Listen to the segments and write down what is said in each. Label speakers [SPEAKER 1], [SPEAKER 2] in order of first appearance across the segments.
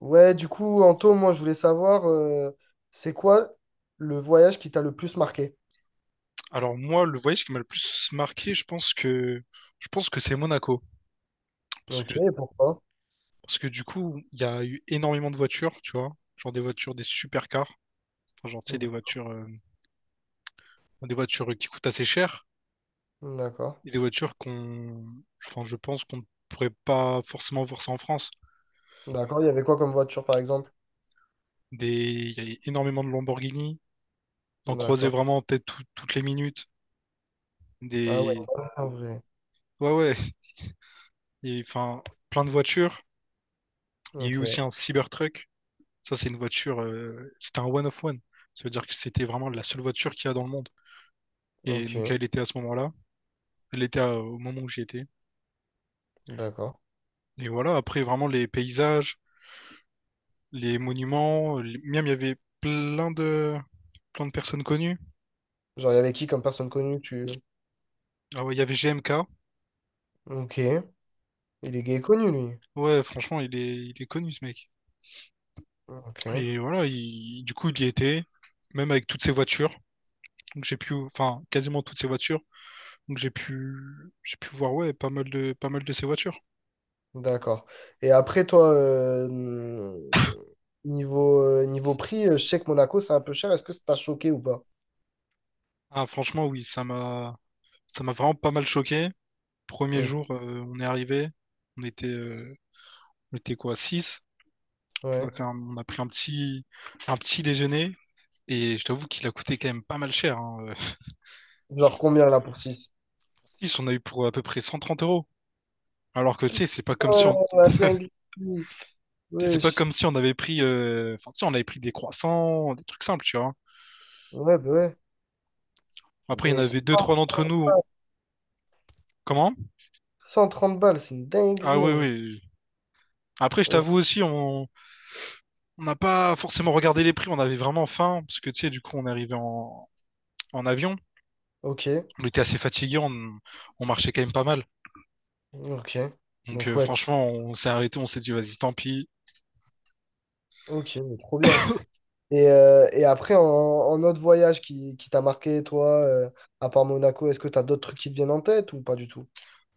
[SPEAKER 1] Ouais, du coup, Anto, moi, je voulais savoir, c'est quoi le voyage qui t'a le plus marqué?
[SPEAKER 2] Alors moi, le voyage qui m'a le plus marqué, je pense que c'est Monaco. Parce que,
[SPEAKER 1] Ok, et pourquoi?
[SPEAKER 2] parce que du coup, il y a eu énormément de voitures, tu vois. Genre des voitures, des supercars. Enfin, genre, tu sais,
[SPEAKER 1] D-
[SPEAKER 2] des voitures qui coûtent assez cher.
[SPEAKER 1] D'accord.
[SPEAKER 2] Et des voitures qu'on. Enfin, je pense qu'on ne pourrait pas forcément voir ça en France.
[SPEAKER 1] D'accord, il y avait quoi comme voiture, par exemple?
[SPEAKER 2] Des... Il y a énormément de Lamborghini. T'en croisais
[SPEAKER 1] D'accord.
[SPEAKER 2] vraiment peut-être toutes les minutes.
[SPEAKER 1] Ah ouais,
[SPEAKER 2] Des.
[SPEAKER 1] en vrai.
[SPEAKER 2] Ouais, ouais. Et, enfin, plein de voitures. Il y a eu
[SPEAKER 1] Ok,
[SPEAKER 2] aussi un Cybertruck. Ça, c'est une voiture, c'était un one of one. Ça veut dire que c'était vraiment la seule voiture qu'il y a dans le monde. Et donc,
[SPEAKER 1] ok,
[SPEAKER 2] elle était à ce moment-là. Elle était au moment où j'y étais.
[SPEAKER 1] d'accord.
[SPEAKER 2] Et voilà, après, vraiment, les paysages, les monuments. Miam, il y avait plein de, plein de personnes connues.
[SPEAKER 1] Genre, il y avait qui comme personne connue, tu...
[SPEAKER 2] Ah ouais, il y avait GMK.
[SPEAKER 1] Ok, il est gay connu, lui.
[SPEAKER 2] Ouais, franchement, il est connu, ce mec.
[SPEAKER 1] Ok,
[SPEAKER 2] Et voilà, du coup, il y était, même avec toutes ses voitures. Donc, j'ai pu, enfin, quasiment toutes ses voitures. Donc, j'ai pu voir, ouais, pas mal de ses voitures.
[SPEAKER 1] d'accord. Et après, toi, niveau, niveau prix, je sais que Monaco, c'est un peu cher. Est-ce que ça t'a choqué ou pas?
[SPEAKER 2] Ah, franchement, oui, Ça m'a vraiment pas mal choqué. Premier
[SPEAKER 1] Hum.
[SPEAKER 2] jour, on est arrivé. On était, euh, on était quoi, 6. On a
[SPEAKER 1] Ouais.
[SPEAKER 2] fait on a pris un petit déjeuner. Et je t'avoue qu'il a coûté quand même pas mal cher. Hein.
[SPEAKER 1] Genre, combien, là, pour six?
[SPEAKER 2] 6, on a eu pour à peu près 130 euros. Alors que, tu sais, c'est pas comme si
[SPEAKER 1] Ouais,
[SPEAKER 2] on,
[SPEAKER 1] la dinguerie.
[SPEAKER 2] tu sais, c'est pas
[SPEAKER 1] Wesh.
[SPEAKER 2] comme si on avait pris, enfin, tu sais, on avait pris des croissants, des trucs simples, tu vois.
[SPEAKER 1] Ouais, bah ouais.
[SPEAKER 2] Après, il y en
[SPEAKER 1] Mais
[SPEAKER 2] avait
[SPEAKER 1] 100
[SPEAKER 2] deux, trois d'entre nous. Comment?
[SPEAKER 1] 130 balles, c'est une
[SPEAKER 2] Ah
[SPEAKER 1] dinguerie
[SPEAKER 2] oui,
[SPEAKER 1] en vrai.
[SPEAKER 2] oui. Après, je
[SPEAKER 1] Euh,
[SPEAKER 2] t'avoue aussi, on n'a pas forcément regardé les prix. On avait vraiment faim. Parce que, tu sais, du coup, on est arrivé en avion.
[SPEAKER 1] ok,
[SPEAKER 2] On était assez fatigué, on marchait quand même pas mal.
[SPEAKER 1] ok.
[SPEAKER 2] Donc
[SPEAKER 1] Donc
[SPEAKER 2] euh,
[SPEAKER 1] ouais,
[SPEAKER 2] franchement, on s'est arrêté, on s'est dit vas-y, tant pis.
[SPEAKER 1] ok, mais trop bien. Et après, en autre voyage qui t'a marqué, toi, à part Monaco, est-ce que t'as d'autres trucs qui te viennent en tête ou pas du tout?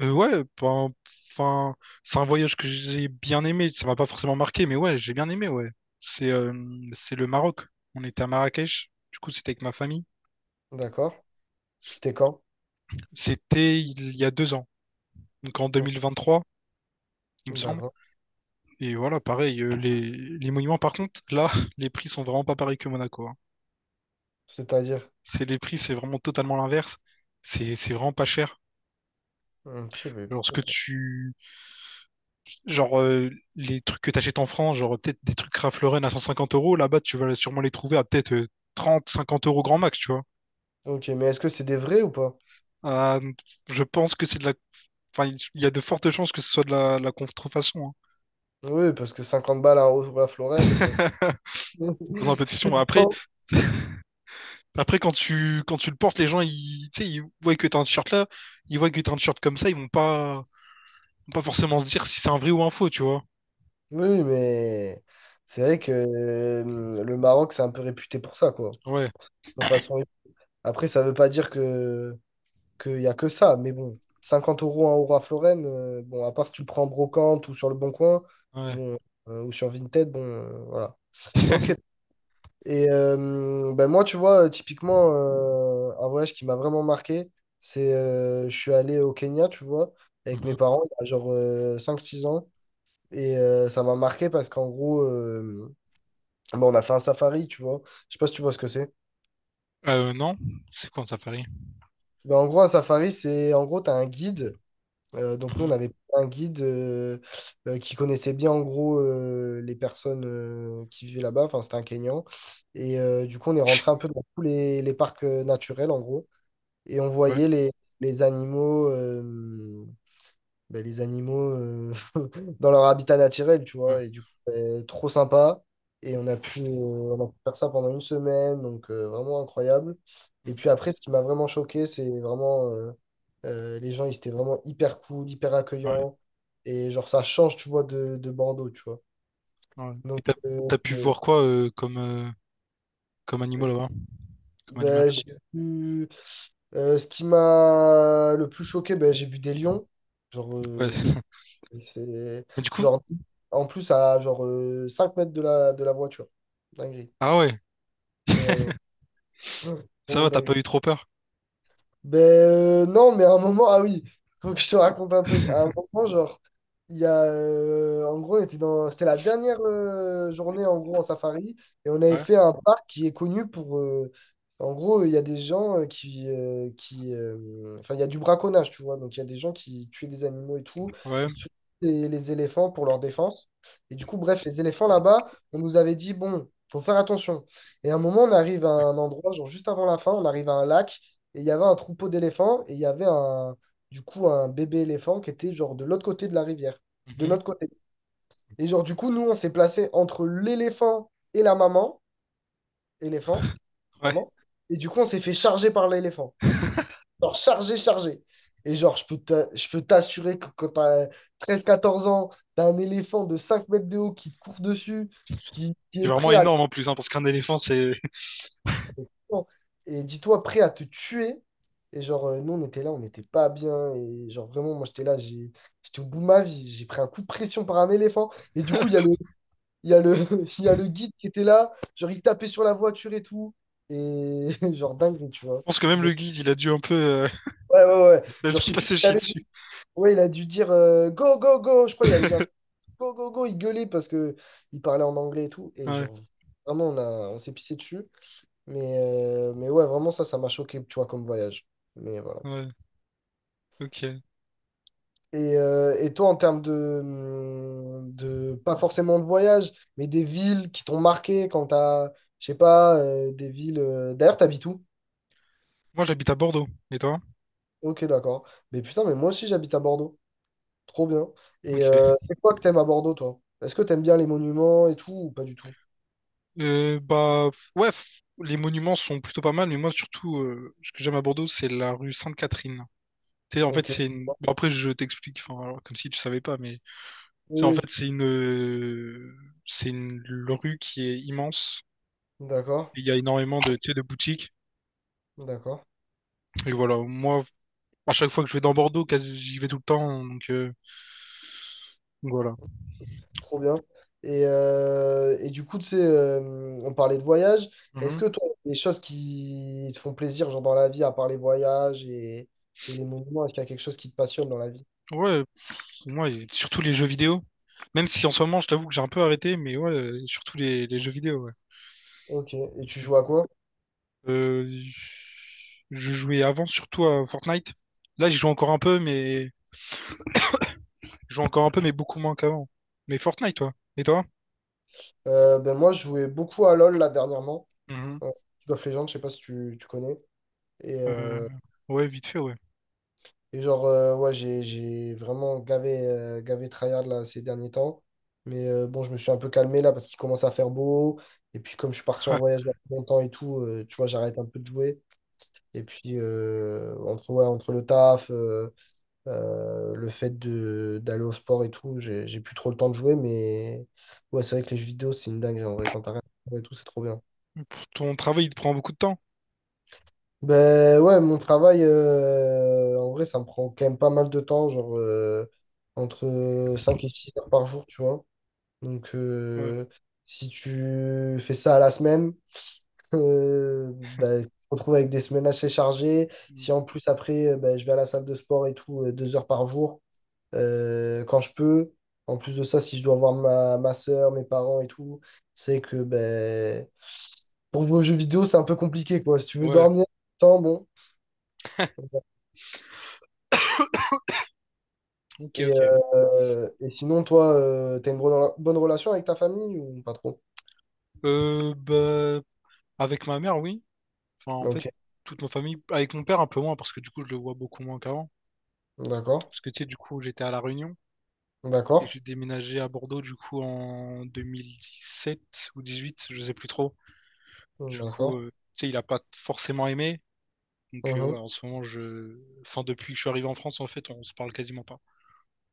[SPEAKER 2] Ouais, ben, enfin, c'est un voyage que j'ai bien aimé. Ça m'a pas forcément marqué, mais ouais, j'ai bien aimé, ouais. C'est euh, c'est le Maroc. On était à Marrakech. Du coup, c'était avec ma famille.
[SPEAKER 1] D'accord. C'était quand?
[SPEAKER 2] C'était il y a 2 ans, donc en
[SPEAKER 1] Oh.
[SPEAKER 2] 2023, il me semble.
[SPEAKER 1] D'accord.
[SPEAKER 2] Et voilà, pareil, les monuments, par contre, là, les prix sont vraiment pas pareils que Monaco, hein.
[SPEAKER 1] C'est-à-dire?
[SPEAKER 2] C'est les prix, c'est vraiment totalement l'inverse. C'est vraiment pas cher.
[SPEAKER 1] Ok, bébé.
[SPEAKER 2] Alors, ce que tu genre les trucs que t'achètes en France, genre peut-être des trucs Ralph Lauren à 150 euros, là-bas tu vas sûrement les trouver à peut-être 30, 50 € grand max, tu vois.
[SPEAKER 1] Ok, mais est-ce que c'est des vrais ou pas?
[SPEAKER 2] Euh, je pense que c'est de la. Enfin, il y a de fortes chances que ce soit de la contrefaçon.
[SPEAKER 1] Oui, parce que 50 balles à la
[SPEAKER 2] Hein.
[SPEAKER 1] Florène, bon.
[SPEAKER 2] Pose un peu de
[SPEAKER 1] Je sais
[SPEAKER 2] questions. Après,
[SPEAKER 1] pas.
[SPEAKER 2] après quand tu le portes, les gens, ils, tu sais, ils voient que t'as un t-shirt là, ils voient que t'as un t-shirt comme ça, ils vont pas forcément se dire si c'est un vrai ou un faux, tu vois.
[SPEAKER 1] Oui, oui, mais c'est vrai que le Maroc, c'est un peu réputé pour ça, quoi.
[SPEAKER 2] Ouais,
[SPEAKER 1] Pour sa façon-. Après, ça veut pas dire que qu'il y a que ça, mais bon, 50 euros, 1 euro à Florène, bon, à part si tu le prends en brocante ou sur le Bon Coin,
[SPEAKER 2] ouais.
[SPEAKER 1] bon, ou sur Vinted, bon, voilà. Ok. Et ben moi, tu vois, typiquement, un voyage qui m'a vraiment marqué, c'est je suis allé au Kenya, tu vois, avec
[SPEAKER 2] Mhm.
[SPEAKER 1] mes parents, il y a genre 5 6 ans. Et ça m'a marqué parce qu'en gros, bon, on a fait un safari, tu vois. Je sais pas si tu vois ce que c'est.
[SPEAKER 2] Non, c'est quoi ça, Paris?
[SPEAKER 1] Mais en gros, un safari, c'est en gros, tu as un guide. Donc, nous, on
[SPEAKER 2] Mhm.
[SPEAKER 1] avait un guide qui connaissait bien en gros les personnes qui vivaient là-bas. Enfin, c'était un Kenyan. Et du coup, on est rentré un peu dans tous les parcs naturels, en gros. Et on
[SPEAKER 2] Ouais,
[SPEAKER 1] voyait les animaux. Ben, les animaux dans leur habitat naturel, tu
[SPEAKER 2] ouais.
[SPEAKER 1] vois. Et du coup, ben, trop sympa. Et on a pu faire ça pendant une semaine, donc vraiment incroyable. Et
[SPEAKER 2] Mhm.
[SPEAKER 1] puis après, ce qui m'a vraiment choqué, c'est vraiment les gens, ils étaient vraiment hyper cool, hyper
[SPEAKER 2] Ouais.
[SPEAKER 1] accueillants. Et genre, ça change, tu vois, de Bordeaux, tu vois.
[SPEAKER 2] Ouais. Et
[SPEAKER 1] Donc,
[SPEAKER 2] t'as, t'as pu voir quoi comme
[SPEAKER 1] euh,
[SPEAKER 2] animal là-bas? Comme animal.
[SPEAKER 1] ben, j'ai vu. Ce qui m'a le plus choqué, ben, j'ai vu des
[SPEAKER 2] Mhm.
[SPEAKER 1] lions. Genre,
[SPEAKER 2] Ouais.
[SPEAKER 1] ça. Et c'est
[SPEAKER 2] Mais du coup,
[SPEAKER 1] genre en plus à genre 5 mètres de la voiture. Dinguerie.
[SPEAKER 2] ah ouais,
[SPEAKER 1] Ouais, ouais.
[SPEAKER 2] ça
[SPEAKER 1] Vraiment
[SPEAKER 2] va, t'as
[SPEAKER 1] dinguerie.
[SPEAKER 2] pas eu trop peur.
[SPEAKER 1] Ben non, mais à un moment, ah oui, faut que je te raconte un truc. À un moment, genre, il y a, en gros, on était dans, c'était la dernière journée en gros en safari, et on avait
[SPEAKER 2] Ouais,
[SPEAKER 1] fait un parc qui est connu pour, en gros, il y a des gens qui enfin, il y a du braconnage, tu vois, donc il y a des gens qui tuaient des animaux et tout,
[SPEAKER 2] ouais.
[SPEAKER 1] et surtout les éléphants pour leur défense. Et du coup, bref, les éléphants là-bas, on nous avait dit, bon, faut faire attention. Et à un moment, on arrive à un endroit, genre juste avant la fin, on arrive à un lac. Et il y avait un troupeau d'éléphants et il y avait un, du coup un bébé éléphant qui était genre de l'autre côté de la rivière, de
[SPEAKER 2] Mhm.
[SPEAKER 1] notre côté. Et genre du coup, nous, on s'est placé entre l'éléphant et la maman, éléphant,
[SPEAKER 2] Ouais.
[SPEAKER 1] sûrement. Et du coup, on s'est fait charger par l'éléphant. Genre chargé, chargé. Et genre, je peux t'assurer que quand t'as 13-14 ans, t'as un éléphant de 5 mètres de haut qui te court dessus, qui
[SPEAKER 2] C'est
[SPEAKER 1] est
[SPEAKER 2] vraiment
[SPEAKER 1] prêt à...
[SPEAKER 2] énorme en plus, hein, parce qu'un éléphant, c'est. Je
[SPEAKER 1] Non. Et dis-toi, prêt à te tuer. Et genre, nous, on était là, on n'était pas bien. Et genre, vraiment, moi, j'étais là, j'étais au bout de ma vie. J'ai pris un coup de pression par un éléphant. Et du coup, il y a le, il y a le, il y a le guide qui était là. Genre, il tapait sur la voiture et tout. Et genre, dingue, tu vois.
[SPEAKER 2] pense que même le
[SPEAKER 1] Donc,
[SPEAKER 2] guide, il a dû un peu,
[SPEAKER 1] ouais, ouais, ouais.
[SPEAKER 2] il a
[SPEAKER 1] Genre,
[SPEAKER 2] dû
[SPEAKER 1] je
[SPEAKER 2] un
[SPEAKER 1] sais
[SPEAKER 2] peu
[SPEAKER 1] plus ce
[SPEAKER 2] se
[SPEAKER 1] qu'il
[SPEAKER 2] chier
[SPEAKER 1] avait dit.
[SPEAKER 2] dessus.
[SPEAKER 1] Ouais, il a dû dire go, go, go. Je crois qu'il avait dit un truc go, go, go. Il gueulait parce que il parlait en anglais et tout. Et
[SPEAKER 2] Ouais,
[SPEAKER 1] genre, vraiment, on s'est pissé dessus. Mais ouais, vraiment, ça m'a choqué, tu vois, comme voyage. Mais voilà.
[SPEAKER 2] ouais, ok.
[SPEAKER 1] Et toi, en termes de, pas forcément de voyage, mais des villes qui t'ont marqué quand t'as, je sais pas, des villes. D'ailleurs, t'habites où?
[SPEAKER 2] Moi, j'habite à Bordeaux. Et toi?
[SPEAKER 1] Ok, d'accord. Mais putain, mais moi aussi, j'habite à Bordeaux. Trop bien. Et
[SPEAKER 2] Ok.
[SPEAKER 1] c'est quoi que t'aimes à Bordeaux, toi? Est-ce que t'aimes bien les monuments et tout, ou pas du tout?
[SPEAKER 2] Bah, ouais, les monuments sont plutôt pas mal, mais moi, surtout, ce que j'aime à Bordeaux, c'est la rue Sainte-Catherine. Tu sais, en fait,
[SPEAKER 1] Ok.
[SPEAKER 2] c'est une. Bon, après, je t'explique, enfin, alors, comme si tu savais pas, mais. Tu
[SPEAKER 1] Oui,
[SPEAKER 2] sais, en
[SPEAKER 1] oui.
[SPEAKER 2] fait, C'est une rue qui est immense.
[SPEAKER 1] D'accord,
[SPEAKER 2] Il y a énormément de, tu sais, de boutiques.
[SPEAKER 1] d'accord.
[SPEAKER 2] Et voilà, moi, à chaque fois que je vais dans Bordeaux, quasi, j'y vais tout le temps, donc voilà.
[SPEAKER 1] Trop bien. Et du coup, tu sais, on parlait de voyage. Est-ce
[SPEAKER 2] Mhm.
[SPEAKER 1] que toi, il y a des choses qui te font plaisir, genre dans la vie, à part les voyages et les monuments, est-ce qu'il y a quelque chose qui te passionne dans la vie?
[SPEAKER 2] Ouais, pour moi, et surtout les jeux vidéo. Même si en ce moment, je t'avoue que j'ai un peu arrêté, mais ouais, surtout les jeux vidéo, ouais.
[SPEAKER 1] Ok. Et tu joues à quoi?
[SPEAKER 2] Euh, je jouais avant surtout à Fortnite. Là, j'y joue encore un peu, mais je joue encore un peu, mais beaucoup moins qu'avant. Mais Fortnite, toi. Et toi?
[SPEAKER 1] Ben moi, je jouais beaucoup à LoL là dernièrement.
[SPEAKER 2] Mhm.
[SPEAKER 1] Euh, League of Legends, je sais pas si tu connais. Et,
[SPEAKER 2] Euh, Ouais, vite fait, ouais.
[SPEAKER 1] et genre, ouais, j'ai vraiment gavé tryhard là, ces derniers temps. Mais bon, je me suis un peu calmé là parce qu'il commence à faire beau. Et puis, comme je suis parti en
[SPEAKER 2] Ah,
[SPEAKER 1] voyage là, pour longtemps et tout, tu vois, j'arrête un peu de jouer. Et puis, entre, ouais, entre le taf, le fait d'aller au sport et tout, j'ai plus trop le temps de jouer. Mais ouais, c'est vrai que les jeux vidéo, c'est une dinguerie en vrai. Quand t'arrêtes et tout, c'est trop bien.
[SPEAKER 2] pour ton travail, il te prend beaucoup de temps.
[SPEAKER 1] Ben ouais, mon travail, en vrai, ça me prend quand même pas mal de temps, genre entre 5 et 6 heures par jour, tu vois. Donc,
[SPEAKER 2] Ouais.
[SPEAKER 1] si tu fais ça à la semaine, ben, tu te retrouves avec des semaines assez chargées.
[SPEAKER 2] Mm.
[SPEAKER 1] Si en plus, après, ben, je vais à la salle de sport et tout, 2 heures par jour, quand je peux. En plus de ça, si je dois voir ma soeur, mes parents et tout, c'est que ben, pour jouer aux jeux vidéo, c'est un peu compliqué, quoi. Si tu veux
[SPEAKER 2] Ouais.
[SPEAKER 1] dormir, tant bon.
[SPEAKER 2] Ok,
[SPEAKER 1] Et,
[SPEAKER 2] ok.
[SPEAKER 1] et sinon, toi, t'as une bonne relation avec ta famille ou pas trop?
[SPEAKER 2] Bah, avec ma mère, oui. Enfin, en fait,
[SPEAKER 1] Ok,
[SPEAKER 2] toute ma famille. Avec mon père, un peu moins, parce que du coup, je le vois beaucoup moins qu'avant.
[SPEAKER 1] d'accord,
[SPEAKER 2] Parce que tu sais, du coup, j'étais à La Réunion et
[SPEAKER 1] d'accord,
[SPEAKER 2] j'ai déménagé à Bordeaux, du coup, en 2017 ou 18, je sais plus trop. Du coup,
[SPEAKER 1] d'accord.
[SPEAKER 2] tu sais, il a pas forcément aimé. Donc,
[SPEAKER 1] Mhm.
[SPEAKER 2] ouais, en ce moment, je. Enfin, depuis que je suis arrivé en France, en fait, on se parle quasiment pas.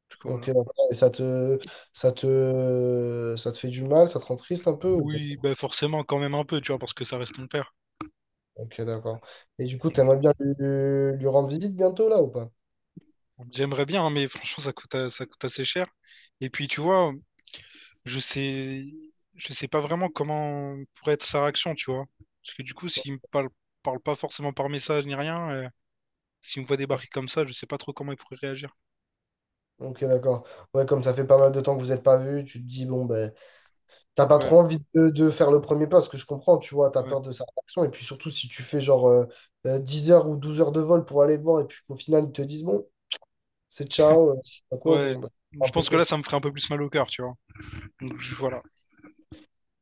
[SPEAKER 2] Du coup,
[SPEAKER 1] Ok,
[SPEAKER 2] voilà.
[SPEAKER 1] d'accord. Et ça te fait du mal, ça te rend triste un peu? Ou pas?
[SPEAKER 2] Oui, bah forcément, quand même un peu, tu vois, parce que ça reste mon père.
[SPEAKER 1] Ok, d'accord. Et du coup,
[SPEAKER 2] Donc,
[SPEAKER 1] t'aimerais bien lui rendre visite bientôt là ou pas?
[SPEAKER 2] bon, j'aimerais bien, hein, mais franchement, ça coûte, ça coûte assez cher. Et puis, tu vois, je sais. Je sais pas vraiment comment pourrait être sa réaction, tu vois. Parce que du coup, s'il me parle pas forcément par message ni rien, s'il me voit débarquer comme ça, je sais pas trop comment il pourrait réagir.
[SPEAKER 1] Ok, d'accord. Ouais, comme ça fait pas mal de temps que vous n'êtes pas vus, tu te dis, bon, ben, t'as pas
[SPEAKER 2] Ouais,
[SPEAKER 1] trop envie de faire le premier pas, ce que je comprends, tu vois, t'as
[SPEAKER 2] ouais,
[SPEAKER 1] peur de sa réaction. Et puis surtout, si tu fais genre 10 heures ou 12 heures de vol pour aller le voir, et puis qu'au final, ils te disent, bon, c'est ciao, à quoi,
[SPEAKER 2] ouais.
[SPEAKER 1] bon, bah, c'est un
[SPEAKER 2] Je
[SPEAKER 1] peu
[SPEAKER 2] pense que
[SPEAKER 1] con.
[SPEAKER 2] là, ça me ferait un peu plus mal au cœur, tu vois. Donc, voilà.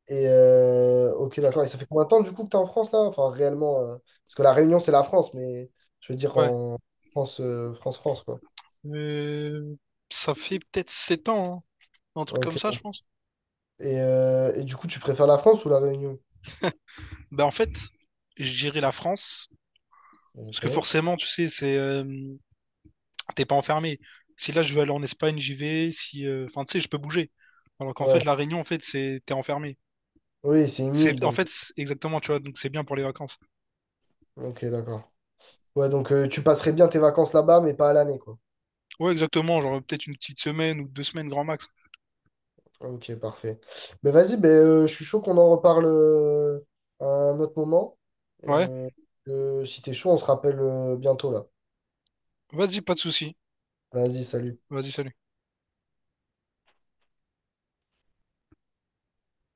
[SPEAKER 1] Et ok, d'accord. Et ça fait combien de temps du coup que t'es en France là? Enfin, réellement, parce que la Réunion, c'est la France, mais je veux dire
[SPEAKER 2] Ouais.
[SPEAKER 1] en France, France, France, quoi.
[SPEAKER 2] Euh, Ça fait peut-être 7 ans, hein, un truc comme
[SPEAKER 1] Ok.
[SPEAKER 2] ça, je pense.
[SPEAKER 1] Et du coup, tu préfères la France ou la Réunion?
[SPEAKER 2] Bah, en fait, je dirais la France, parce
[SPEAKER 1] Ok.
[SPEAKER 2] que forcément, tu sais, t'es pas enfermé. Si là, je veux aller en Espagne, j'y vais. Si, Enfin, tu sais, je peux bouger. Alors qu'en fait,
[SPEAKER 1] Ouais.
[SPEAKER 2] la Réunion, en fait, c'est, t'es enfermé.
[SPEAKER 1] Oui, c'est une île,
[SPEAKER 2] C'est, en
[SPEAKER 1] donc.
[SPEAKER 2] fait, exactement, tu vois, donc c'est bien pour les vacances.
[SPEAKER 1] Ok, d'accord. Ouais, donc tu passerais bien tes vacances là-bas, mais pas à l'année, quoi.
[SPEAKER 2] Ouais, exactement, genre peut-être une petite semaine ou 2 semaines grand max.
[SPEAKER 1] Ok, parfait. Ben vas-y, ben, je suis chaud qu'on en reparle à un autre moment.
[SPEAKER 2] Ouais,
[SPEAKER 1] Euh, si t'es chaud, on se rappelle bientôt là.
[SPEAKER 2] vas-y, pas de souci.
[SPEAKER 1] Vas-y, salut.
[SPEAKER 2] Vas-y, salut.